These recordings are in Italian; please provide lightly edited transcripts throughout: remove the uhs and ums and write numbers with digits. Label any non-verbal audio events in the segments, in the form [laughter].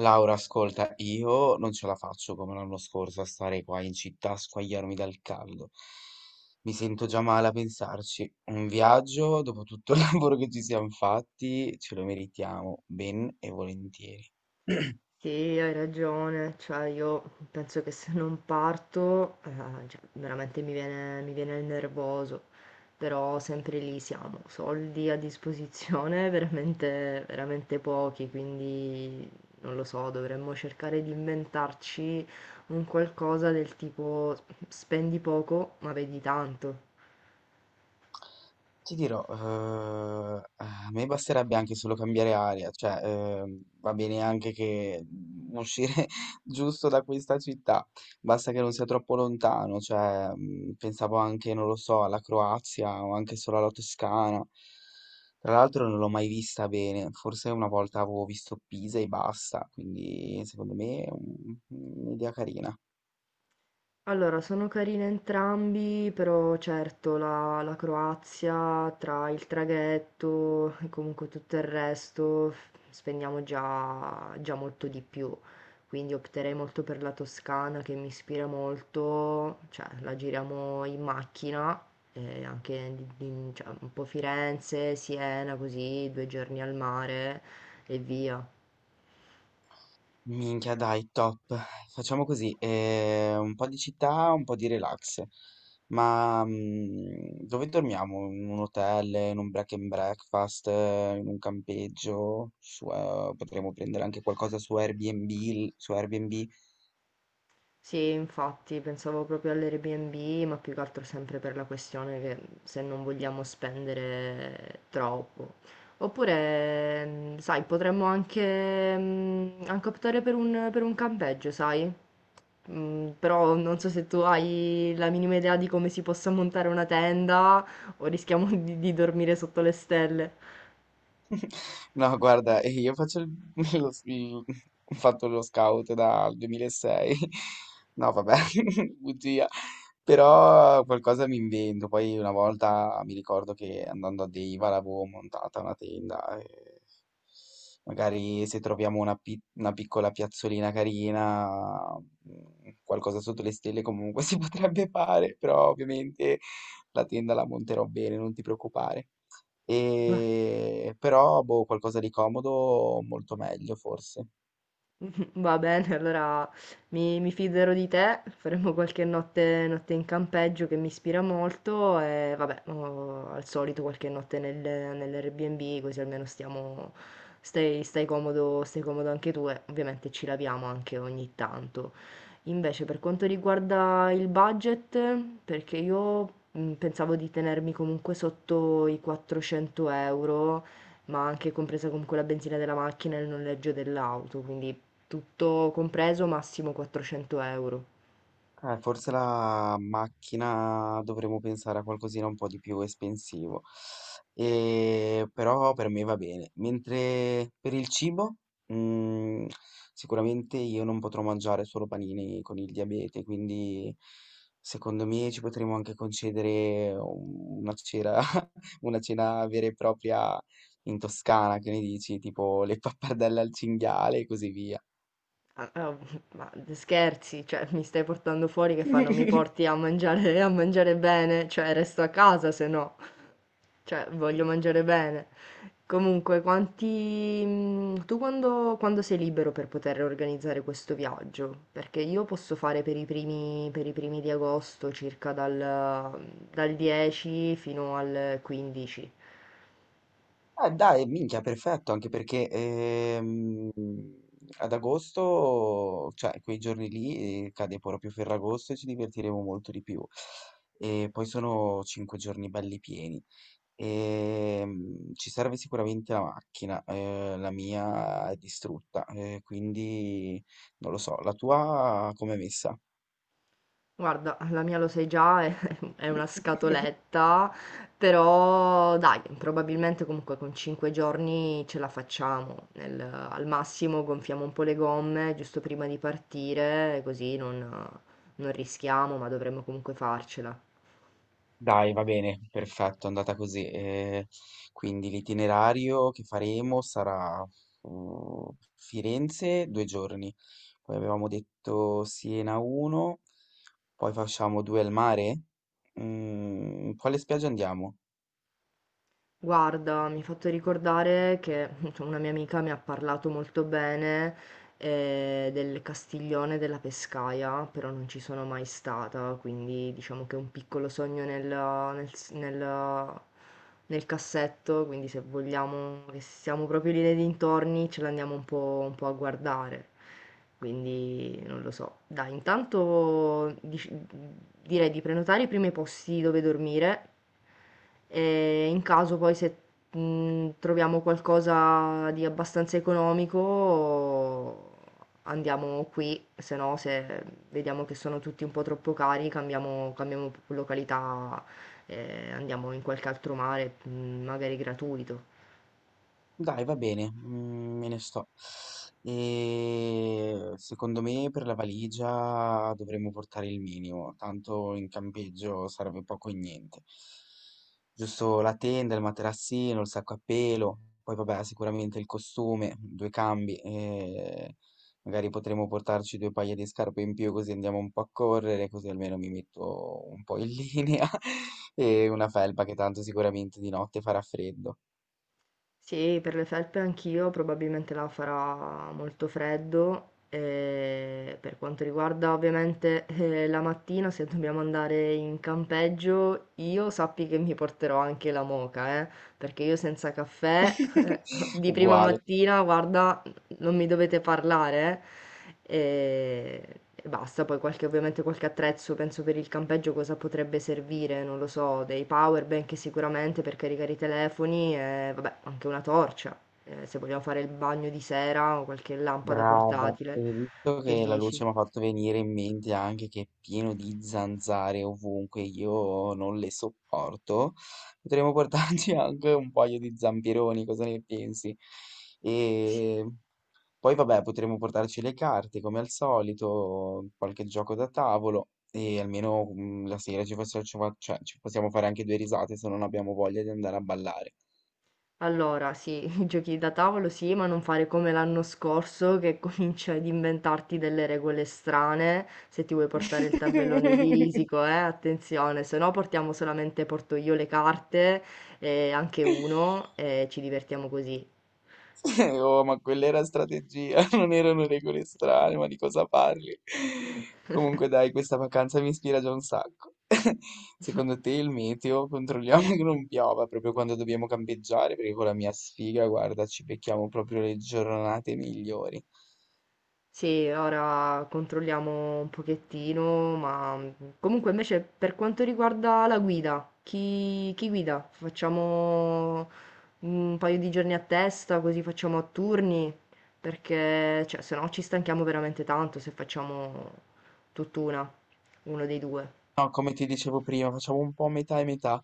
Laura, ascolta, io non ce la faccio come l'anno scorso a stare qua in città a squagliarmi dal caldo. Mi sento già male a pensarci. Un viaggio, dopo tutto il [laughs] lavoro che ci siamo fatti, ce lo meritiamo ben e volentieri. Sì, hai ragione, cioè io penso che se non parto, veramente mi viene il nervoso, però sempre lì siamo, soldi a disposizione [laughs] veramente, veramente pochi, quindi non lo so, dovremmo cercare di inventarci un qualcosa del tipo spendi poco ma vedi tanto. Ti dirò, a me basterebbe anche solo cambiare aria, cioè va bene anche che uscire [laughs] giusto da questa città, basta che non sia troppo lontano, cioè pensavo anche, non lo so, alla Croazia o anche solo alla Toscana. Tra l'altro non l'ho mai vista bene, forse una volta avevo visto Pisa e basta, quindi secondo me è un'idea carina. Allora, sono carini entrambi, però certo la Croazia tra il traghetto e comunque tutto il resto spendiamo già, già molto di più, quindi opterei molto per la Toscana che mi ispira molto, cioè la giriamo in macchina, e anche cioè, un po' Firenze, Siena, così 2 giorni al mare e via. Minchia, dai, top. Facciamo così, un po' di città, un po' di relax. Ma dove dormiamo? In un hotel, in un break and breakfast, in un campeggio? Su, potremmo prendere anche qualcosa su Airbnb. Sì, infatti pensavo proprio all'Airbnb, ma più che altro sempre per la questione che se non vogliamo spendere troppo. Oppure, sai, potremmo anche, anche optare per un campeggio, sai? Però non so se tu hai la minima idea di come si possa montare una tenda o rischiamo [laughs] di dormire sotto le stelle. [laughs] No, guarda, [laughs] lo, s- il- ho fatto lo scout dal 2006. [laughs] No, vabbè, [laughs] bugia. Però qualcosa mi invento. Poi una volta mi ricordo che andando a Deiva l'avevo montata una tenda. E magari se troviamo una piccola piazzolina carina, qualcosa sotto le stelle comunque [laughs] si potrebbe fare. Però ovviamente la tenda la monterò bene, non ti preoccupare. E però, boh, qualcosa di comodo molto meglio forse. [laughs] Va bene, allora mi fiderò di te, faremo notte in campeggio che mi ispira molto e vabbè, oh, al solito qualche notte nell'Airbnb così almeno stai comodo anche tu e ovviamente ci laviamo anche ogni tanto. Invece per quanto riguarda il budget, perché io pensavo di tenermi comunque sotto i 400 euro ma anche compresa comunque la benzina della macchina e il noleggio dell'auto, quindi tutto compreso massimo 400 euro. Forse la macchina dovremmo pensare a qualcosina un po' di più espensivo. E, però per me va bene. Mentre per il cibo, mm, sicuramente io non potrò mangiare solo panini con il diabete, quindi secondo me ci potremmo anche concedere una cena, [laughs] una cena vera e propria in Toscana, che ne dici? Tipo le pappardelle al cinghiale e così via. Ah, ah, ma scherzi, cioè mi stai portando fuori che fanno mi porti a mangiare, bene, cioè resto a casa se no, cioè voglio mangiare bene. Comunque, tu quando, sei libero per poter organizzare questo viaggio? Perché io posso fare per i primi di agosto, circa dal 10 fino al 15. Dai, minchia, perfetto, anche perché ad agosto, cioè quei giorni lì, cade proprio Ferragosto e ci divertiremo molto di più. E poi sono 5 giorni belli pieni. Ci serve sicuramente la macchina, la mia è distrutta, quindi non lo so, la tua com'è messa? Guarda, la mia lo sai già, è [laughs] è una [laughs] scatoletta, però dai, probabilmente comunque con 5 giorni ce la facciamo. Al massimo gonfiamo un po' le gomme giusto prima di partire, così non rischiamo, ma dovremmo comunque farcela. Dai, va bene, perfetto, è andata così. Quindi l'itinerario che faremo sarà mm, Firenze 2 giorni, poi avevamo detto Siena uno, poi facciamo due al mare. Quale spiaggia andiamo? Guarda, mi hai fatto ricordare che insomma, una mia amica mi ha parlato molto bene del Castiglione della Pescaia, però non ci sono mai stata, quindi diciamo che è un piccolo sogno nel cassetto, quindi se vogliamo che siamo proprio lì nei dintorni ce l'andiamo un po' a guardare, quindi non lo so. Dai, intanto direi di prenotare i primi posti dove dormire. E in caso poi se troviamo qualcosa di abbastanza economico andiamo qui, se no se vediamo che sono tutti un po' troppo cari cambiamo località, andiamo in qualche altro mare, magari gratuito. Dai, va bene, me ne sto. E secondo me per la valigia dovremmo portare il minimo, tanto in campeggio sarebbe poco e niente. Giusto la tenda, il materassino, il sacco a pelo, poi vabbè, sicuramente il costume, due cambi, e magari potremmo portarci due paia di scarpe in più così andiamo un po' a correre, così almeno mi metto un po' in linea [laughs] e una felpa che tanto sicuramente di notte farà freddo. Sì, per le felpe anch'io, probabilmente là farà molto freddo. E per quanto riguarda ovviamente la mattina, se dobbiamo andare in campeggio, io sappi che mi porterò anche la moka, perché io senza caffè [laughs] [laughs] di prima Uguale, mattina, guarda, non mi dovete parlare e basta. Poi ovviamente qualche attrezzo, penso per il campeggio cosa potrebbe servire, non lo so, dei power bank sicuramente per caricare i telefoni e vabbè, anche una torcia, se vogliamo fare il bagno di sera o qualche lampada brava. portatile. E visto Che che la dici? luce mi ha fatto venire in mente anche che è pieno di zanzare ovunque, io non le sopporto, potremmo portarci [laughs] anche un paio di zampironi, cosa ne pensi? E poi vabbè, potremmo portarci le carte come al solito, qualche gioco da tavolo e almeno la sera ci faccia- ci fa- cioè, ci possiamo fare anche due risate se non abbiamo voglia di andare a ballare. Allora sì, [laughs] i giochi da tavolo sì, ma non fare come l'anno scorso che [laughs] cominci ad inventarti delle regole strane, se ti vuoi portare il tabellone di [laughs] risico, attenzione, se no portiamo solamente, porto io le carte, e anche uno, e ci divertiamo così. [laughs] Oh, ma quella era strategia, [laughs] non erano regole strane, ma di cosa parli? [laughs] Comunque dai, questa vacanza mi ispira già un sacco. [laughs] Secondo te il meteo? Controlliamo che non piova proprio quando dobbiamo campeggiare, perché con la mia sfiga, guarda, ci becchiamo proprio le giornate migliori. Sì, ora controlliamo un pochettino, ma comunque invece per quanto riguarda la guida, chi guida? Facciamo un paio di giorni a testa, così facciamo a turni, perché cioè se no ci stanchiamo veramente tanto se facciamo tutt'una, uno dei due. No, come ti dicevo prima, facciamo un po' metà e metà.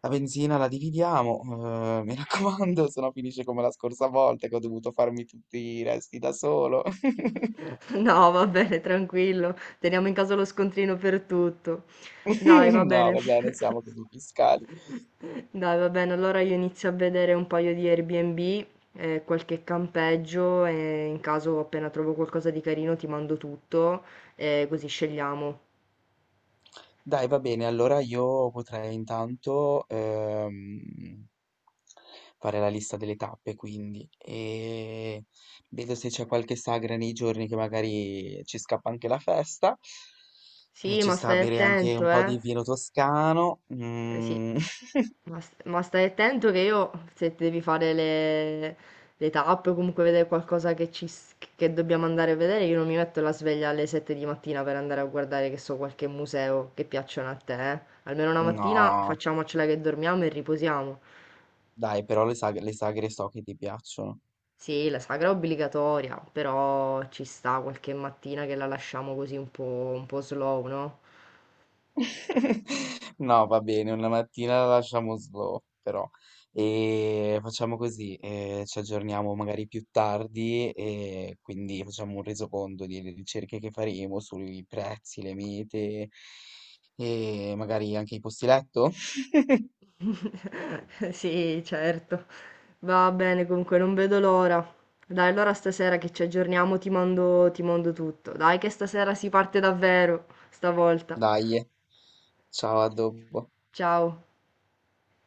La benzina la dividiamo, mi raccomando, [laughs] se no finisce come la scorsa volta che ho dovuto farmi tutti i resti da solo. [laughs] No, va bene, tranquillo, teniamo in casa lo scontrino per tutto. Dai, va [laughs] No, bene. va bene, siamo così fiscali. [laughs] Dai, va bene. Allora io inizio a vedere un paio di Airbnb e qualche campeggio e in caso appena trovo qualcosa di carino ti mando tutto e così scegliamo. Dai, va bene, allora io potrei intanto fare la lista delle tappe, quindi, e vedo se c'è qualche sagra nei giorni che magari ci scappa anche la festa. Sì, Ci ma sta a stai bere anche un attento, po' eh. di vino toscano. Eh sì, Mm. [laughs] ma, ma stai attento che io, se ti devi fare le tappe o comunque vedere qualcosa che, che dobbiamo andare a vedere, io non mi metto la sveglia alle 7 di mattina per andare a guardare, che so, qualche museo che piacciono a te, eh. Almeno una mattina No, facciamocela che dormiamo e riposiamo. dai, però le sagre so che ti piacciono. Sì, la sagra è obbligatoria, però ci sta qualche mattina che la lasciamo così un po' slow, no? [laughs] No, va bene, una mattina la lasciamo slow, però. E facciamo così, ci aggiorniamo magari più tardi e quindi facciamo un resoconto delle ricerche che faremo sui prezzi, le mete e magari anche i posti letto. [laughs] Sì, certo. Va bene, comunque non vedo l'ora. Dai, allora stasera che ci aggiorniamo ti mando tutto. Dai, che stasera si parte davvero, stavolta. Dai, ciao, a dopo. Ciao.